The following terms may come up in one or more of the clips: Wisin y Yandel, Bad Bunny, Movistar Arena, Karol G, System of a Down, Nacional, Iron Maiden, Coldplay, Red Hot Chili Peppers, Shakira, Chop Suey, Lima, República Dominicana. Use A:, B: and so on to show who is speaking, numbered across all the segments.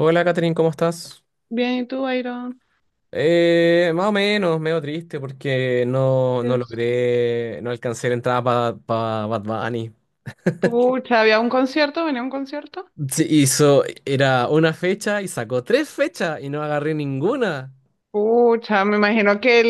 A: Hola, Catherine, ¿cómo estás?
B: Bien, ¿y tú, Iron?
A: Más o menos, medio triste porque no
B: Yes.
A: logré, no alcancé la entrada para Bad Bunny.
B: Pucha, ¿había un concierto? ¿Venía un concierto?
A: Sí, era una fecha y sacó tres fechas y no agarré ninguna.
B: Pucha, me imagino que el,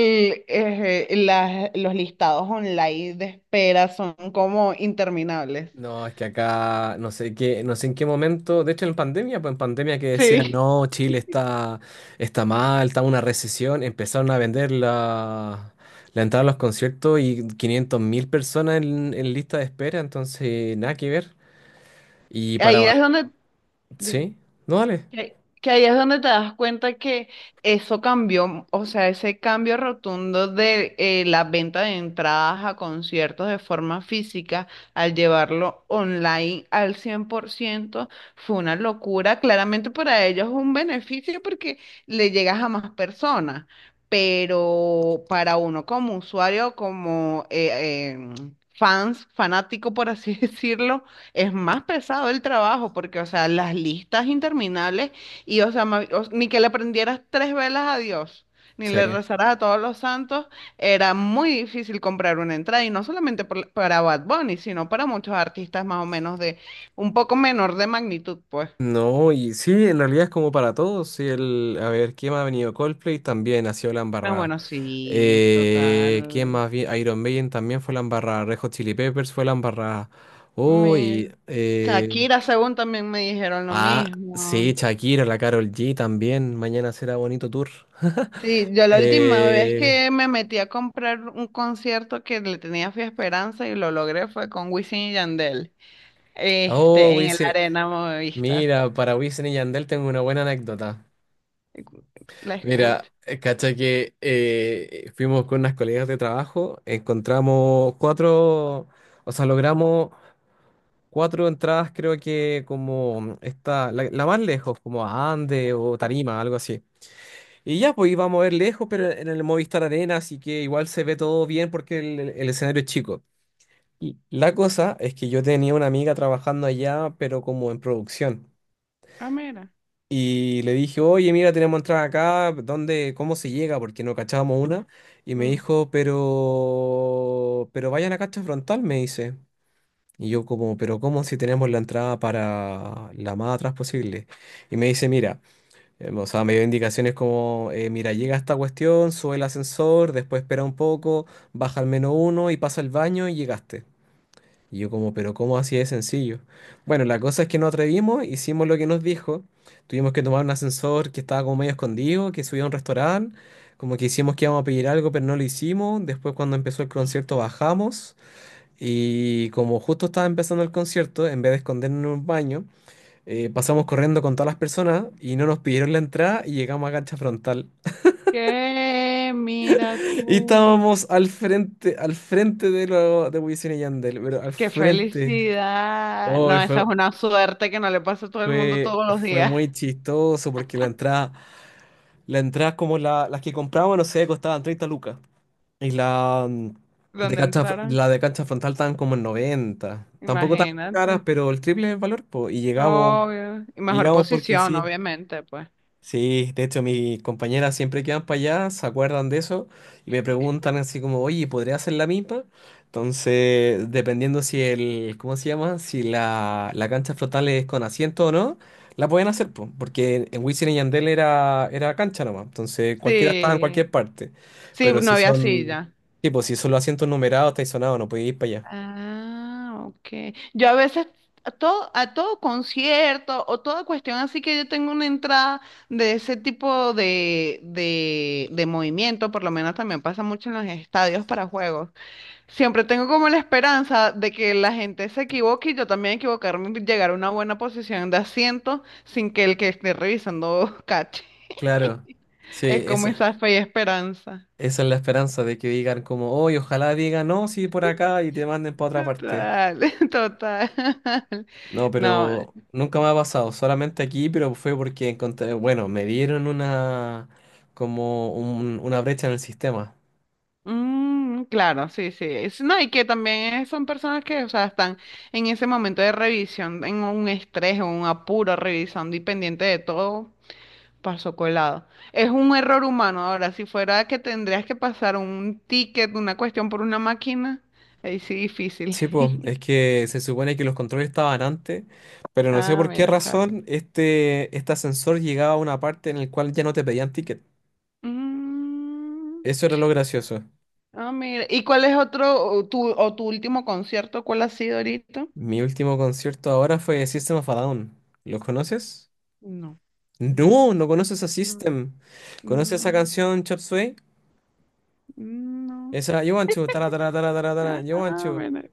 B: eh, eh, las- los listados online de espera son como interminables.
A: No, es que acá no sé qué, no sé en qué momento, de hecho en pandemia, pues en pandemia que decían,
B: Sí.
A: no, está mal, está en una recesión, empezaron a vender la entrada a los conciertos y 500 mil personas en lista de espera, entonces nada que ver. Y para...
B: Ahí es donde... Dime.
A: Sí, no, dale.
B: Que, que ahí es donde te das cuenta que eso cambió, o sea, ese cambio rotundo de la venta de entradas a conciertos de forma física al llevarlo online al 100% fue una locura. Claramente para ellos es un beneficio porque le llegas a más personas, pero para uno como usuario, como fans, fanático por así decirlo, es más pesado el trabajo porque, o sea, las listas interminables y, o sea, ni que le prendieras tres velas a Dios, ni le
A: Sí.
B: rezaras a todos los santos, era muy difícil comprar una entrada y no solamente para Bad Bunny, sino para muchos artistas más o menos de un poco menor de magnitud, pues.
A: No, y sí, en realidad es como para todos. Sí, el... A ver, ¿quién más ha venido? Coldplay también ha sido la
B: Ah,
A: embarrada.
B: bueno, sí,
A: ¿Quién
B: total.
A: más? Iron Maiden también fue la embarrada. Red Hot Chili Peppers fue la embarrada. Uy,
B: Mi-
A: eh,
B: Shakira, según también me dijeron lo
A: ah, sí,
B: mismo.
A: Shakira, la Karol G también. Mañana será bonito tour.
B: Sí, yo la última vez
A: Eh,
B: que me metí a comprar un concierto que le tenía fe a esperanza y lo logré fue con Wisin y Yandel,
A: oh,
B: este, en el
A: Wisin-
B: Arena Movistar.
A: Mira, para Wisin y Yandel tengo una buena anécdota.
B: La
A: Mira,
B: escucho.
A: cacha que fuimos con unas colegas de trabajo, encontramos o sea, logramos cuatro entradas, creo que como esta, la más lejos, como a Ande o Tarima, algo así. Y ya, pues íbamos a ver lejos, pero en el Movistar Arena, así que igual se ve todo bien porque el escenario es chico. Y la cosa es que yo tenía una amiga trabajando allá, pero como en producción.
B: Ah, mira.
A: Y le dije, oye, mira, tenemos entrada acá, ¿dónde, cómo se llega? Porque no cachábamos una. Y me
B: Mm.
A: dijo, pero vayan a cacha frontal, me dice. Y yo como, pero ¿cómo si tenemos la entrada para la más atrás posible? Y me dice, mira, o sea, me dio indicaciones como, mira, llega esta cuestión, sube el ascensor, después espera un poco, baja al menos uno y pasa al baño y llegaste. Y yo como, pero ¿cómo así de sencillo? Bueno, la cosa es que nos atrevimos, hicimos lo que nos dijo, tuvimos que tomar un ascensor que estaba como medio escondido, que subía a un restaurante, como que hicimos que íbamos a pedir algo, pero no lo hicimos, después cuando empezó el concierto bajamos y como justo estaba empezando el concierto, en vez de escondernos en un baño, pasamos corriendo con todas las personas y no nos pidieron la entrada y llegamos a cancha frontal.
B: ¿Qué? Mira
A: Y
B: tú.
A: estábamos al frente de lo de Wisin y Yandel, pero al
B: ¡Qué
A: frente.
B: felicidad!
A: Oh,
B: No, esa
A: fue,
B: es una suerte que no le pasa a todo el mundo todos los
A: Fue
B: días
A: muy chistoso porque la entrada como las que comprábamos, no sé, costaban 30 lucas. Y la de
B: donde
A: cancha,
B: entraron.
A: la de cancha frontal estaban como en 90. Tampoco tan caras,
B: Imagínate.
A: pero el triple es el valor, po.
B: Obvio. Y
A: Y
B: mejor
A: llegamos porque
B: posición,
A: sí.
B: obviamente, pues.
A: Sí, de hecho mis compañeras siempre que van para allá se acuerdan de eso y me preguntan así como, oye, ¿podría hacer la misma? Entonces, dependiendo si el, ¿cómo se llama? Si la cancha flotable es con asiento o no, la pueden hacer, po, porque en Wisin y Yandel era cancha nomás, entonces cualquiera estaba en
B: Sí.
A: cualquier parte,
B: Sí,
A: pero
B: no
A: si
B: había
A: son,
B: silla.
A: tipo, si son los asientos numerados, estáis sonados, no podéis ir para allá.
B: Ah, ok. Yo a veces a todo concierto o toda cuestión así que yo tengo una entrada de ese tipo de movimiento, por lo menos también pasa mucho en los estadios para juegos. Siempre tengo como la esperanza de que la gente se equivoque y yo también equivocarme y llegar a una buena posición de asiento sin que el que esté revisando cache.
A: Claro, sí,
B: Es como esa fe y esperanza.
A: esa es la esperanza de que digan como, oye, ojalá digan, no, sí, por acá y te manden para otra parte.
B: Total, total.
A: No,
B: No,
A: pero nunca me ha pasado, solamente aquí, pero fue porque encontré, bueno, me dieron como una brecha en el sistema.
B: mm, claro, sí, sí. Es- no, y que también son personas que, o sea, están en ese momento de revisión, en un estrés o un apuro, revisando y pendiente de todo, pasó colado. Es un error humano. Ahora, si fuera que tendrías que pasar un ticket, una cuestión por una máquina, ahí sí difícil.
A: Sí, pues, es que se supone que los controles estaban antes, pero no sé
B: Ah,
A: por qué
B: mira, claro.
A: razón este ascensor llegaba a una parte en el cual ya no te pedían ticket.
B: Mm,
A: Eso era lo gracioso.
B: mira. ¿Y cuál es otro, o tu último concierto? ¿Cuál ha sido ahorita?
A: Mi último concierto ahora fue System of a Down. ¿Los conoces?
B: No. Mira.
A: No, no conoces a
B: Mm,
A: System.
B: no,
A: ¿Conoces esa
B: no,
A: canción Chop Suey?
B: no.
A: Esa, you want to, tara, tara, tara, tara, tara, you want
B: Ah,
A: to.
B: mira.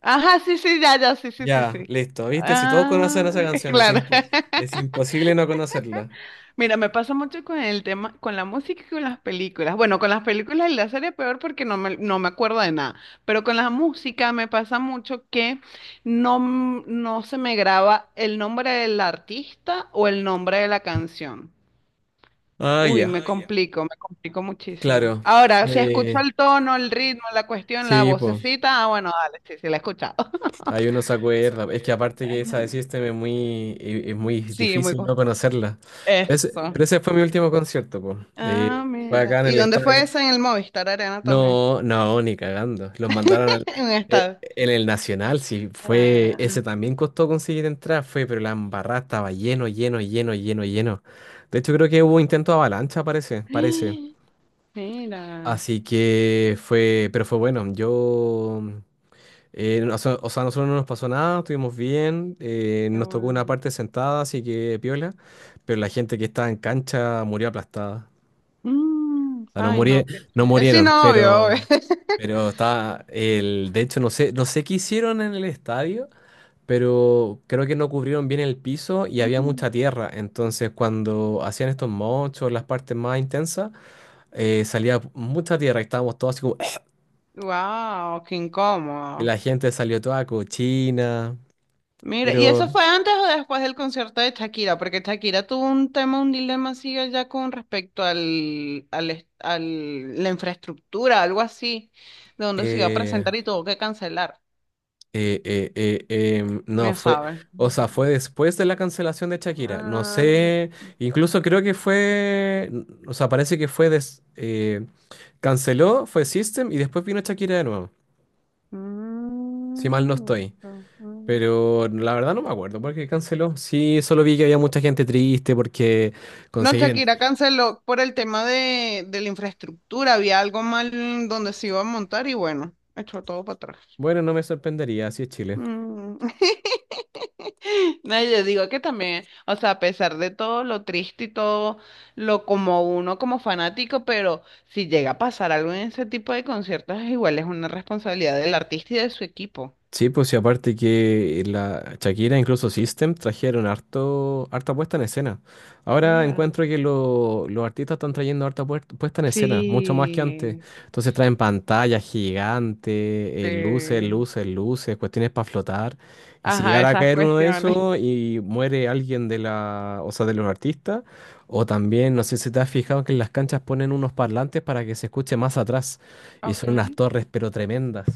B: Ajá, sí, sí, ya, ya, sí, sí, sí,
A: Ya,
B: sí.
A: listo. ¿Viste? Si todos conocen
B: Ah,
A: esa canción,
B: claro.
A: es imposible no conocerla.
B: Mira, me pasa mucho con el tema, con la música y con las películas. Bueno, con las películas y la serie peor porque no me acuerdo de nada. Pero con la música me pasa mucho que no, no se me graba el nombre del artista o el nombre de la canción.
A: Ah,
B: Uy,
A: ya,
B: me Ah, ya. complico, me complico muchísimo.
A: claro.
B: Ahora, si escucho
A: Eh,
B: el tono, el ritmo, la cuestión, la Sí.
A: sí, pues,
B: vocecita, ah, bueno, dale, sí, sí, la he escuchado.
A: ahí uno se acuerda. Es que aparte que esa de System es es muy
B: Sí, muy
A: difícil
B: cool.
A: no conocerla.
B: Eso.
A: Pero ese fue mi último concierto,
B: Ah,
A: pues. Fue
B: mira.
A: acá en
B: ¿Y
A: el
B: dónde fue
A: estadio.
B: eso? En el Movistar Arena también.
A: No, no, ni cagando. Los mandaron
B: En un estadio.
A: en el Nacional, sí, fue,
B: Ah,
A: ese también costó conseguir entrar, fue, pero la embarrada estaba lleno, lleno, lleno, lleno, lleno. De hecho, creo que hubo intento de avalancha, parece, parece.
B: mira,
A: Así que fue, pero fue bueno. Yo, o sea, a nosotros no nos pasó nada, estuvimos bien,
B: qué
A: nos tocó una
B: bueno.
A: parte sentada, así que piola, pero la gente que estaba en cancha murió aplastada.
B: Mm,
A: Sea, no
B: ay, no,
A: murie-
B: qué
A: no
B: chévere. Sí,
A: murieron,
B: no, obvio, obvio.
A: pero está el, de hecho, no sé, no sé qué hicieron en el estadio, pero creo que no cubrieron bien el piso y había mucha tierra. Entonces, cuando hacían estos mochos, las partes más intensas, salía mucha tierra y estábamos todos así como,
B: Wow, qué
A: y
B: incómodo.
A: la gente salió toda cochina,
B: Mira, ¿y eso
A: pero
B: fue antes o después del concierto de Shakira? Porque Shakira tuvo un tema, un dilema así ya con respecto al, al, est- al- la infraestructura, algo así, de donde se iba a
A: eh,
B: presentar y tuvo que cancelar.
A: Eh, eh, eh, no,
B: No
A: fue,
B: sabe.
A: o sea,
B: Ujú.
A: fue después de la cancelación de Shakira. No
B: Ah,
A: sé, incluso creo que fue, o sea, parece que fue, canceló, fue System y después vino Shakira de nuevo, si mal no
B: mm,
A: estoy.
B: ujú.
A: Pero la verdad no me acuerdo porque canceló. Sí, solo vi que había mucha gente triste porque
B: No,
A: conseguir... en-
B: Shakira canceló por el tema de la infraestructura, había algo mal donde se iba a montar y bueno, echó todo para atrás.
A: Bueno, no me sorprendería, así es Chile.
B: Mm. No, yo digo que también, o sea, a pesar de todo lo triste y todo lo como uno como fanático, pero si llega a pasar algo en ese tipo de conciertos, igual es una responsabilidad del artista y de su equipo.
A: Sí, pues y aparte que la Shakira, incluso System, trajeron harto, harta puesta en escena. Ahora
B: Mira.
A: encuentro que los artistas están trayendo harta puesta en escena, mucho más que antes.
B: Sí,
A: Entonces traen pantallas gigantes, luces,
B: sí.
A: luces, luces, cuestiones para flotar. Y si
B: Ajá,
A: llegara a
B: esas
A: caer uno de
B: cuestiones.
A: esos y muere alguien de la, o sea, de los artistas, o también, no sé si te has fijado que en las canchas ponen unos parlantes para que se escuche más atrás. Y son unas
B: Okay.
A: torres, pero tremendas.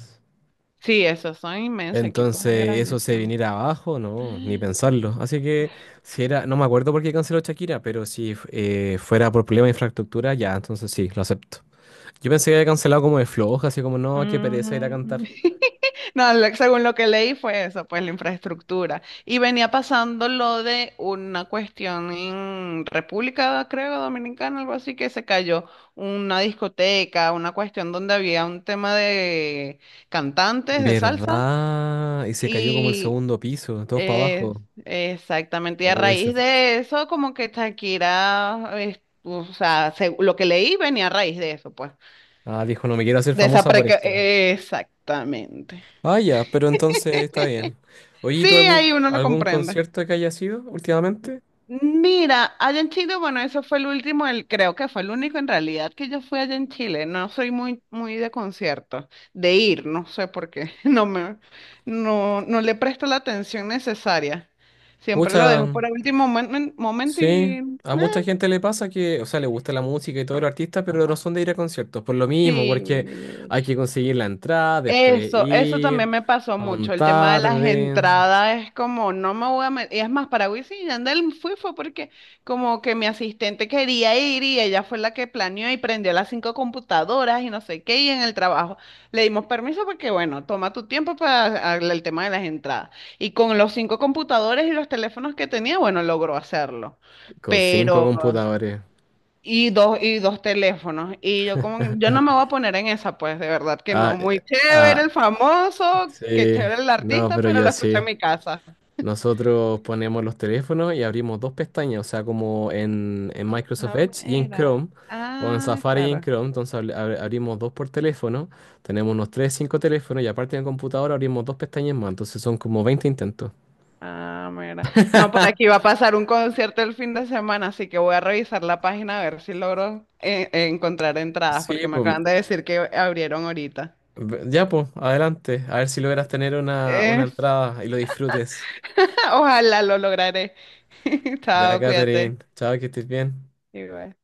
B: Sí, esos son inmensos equipos,
A: Entonces, eso se
B: grandísimos.
A: viniera abajo, no, ni pensarlo. Así que, si era, no me acuerdo por qué canceló Shakira, pero si fuera por problema de infraestructura, ya, entonces sí, lo acepto. Yo pensé que había cancelado como de floja, así como, no, qué pereza ir a
B: Mm,
A: cantar.
B: no, según lo que leí fue eso, pues la infraestructura. Y venía pasando lo de una cuestión en República, creo, Dominicana, algo así, que se cayó una discoteca, una cuestión donde había un tema de cantantes de salsa.
A: ¿Verdad? Y se cayó como el
B: Y
A: segundo piso, todos para
B: eh,
A: abajo.
B: exactamente, y a
A: Oh, ese-
B: raíz de eso, como que Shakira, o sea, lo que leí venía a raíz de eso, pues.
A: Ah, dijo, no me quiero hacer famosa por esto.
B: Exactamente.
A: Ah, ya, pero entonces está bien. Oye, ¿y
B: Sí,
A: tú
B: ahí
A: algún,
B: uno lo
A: algún
B: comprende.
A: concierto que haya sido últimamente?
B: Mira, allá en Chile, bueno, eso fue el último, el, creo que fue el único en realidad que yo fui allá en Chile. No soy muy de conciertos, de ir, no sé por qué. No, no le presto la atención necesaria. Siempre lo dejo
A: Pucha.
B: para último momento y
A: Sí,
B: eh,
A: a mucha gente le pasa que, o sea, le gusta la música y todos los artistas, pero no son de ir a conciertos, por lo mismo, porque
B: sí.
A: hay que conseguir la entrada, después
B: Eso
A: ir,
B: también me pasó mucho.
A: son
B: El tema de las
A: tarde,
B: entradas es como, no me voy a meter. Y es más, para Wisin y Yandel fui fue porque como que mi asistente quería ir y ella fue la que planeó y prendió las cinco computadoras y no sé qué. Y en el trabajo le dimos permiso porque, bueno, toma tu tiempo para arreglar el tema de las entradas. Y con los cinco computadores y los teléfonos que tenía, bueno, logró hacerlo.
A: con cinco computadores.
B: Y dos teléfonos. Y yo como, yo no me voy a poner en esa, pues, de verdad que
A: Ah,
B: no.
A: eh,
B: Muy
A: ah,
B: chévere el famoso, que
A: sí,
B: chévere el
A: no,
B: artista,
A: pero
B: pero lo
A: yo
B: escuché en
A: sí.
B: mi casa.
A: Nosotros ponemos los teléfonos y abrimos dos pestañas, o sea, como en Microsoft
B: Ah,
A: Edge y en
B: mira.
A: Chrome, o en
B: Ah,
A: Safari y en
B: claro.
A: Chrome. Entonces abrimos dos por teléfono, tenemos unos tres, cinco teléfonos y aparte en el computador abrimos dos pestañas más. Entonces son como 20 intentos.
B: Ah, mira. No, por aquí va a pasar un concierto el fin de semana, así que voy a revisar la página a ver si logro encontrar entradas,
A: Sí,
B: porque me
A: pues
B: acaban de decir que abrieron ahorita.
A: ya, pues, adelante. A ver si logras tener una
B: Eh,
A: entrada y lo disfrutes.
B: ojalá lo lograré.
A: Ya,
B: Chao, cuídate.
A: Catherine. Chao, que estés bien.
B: Y bye.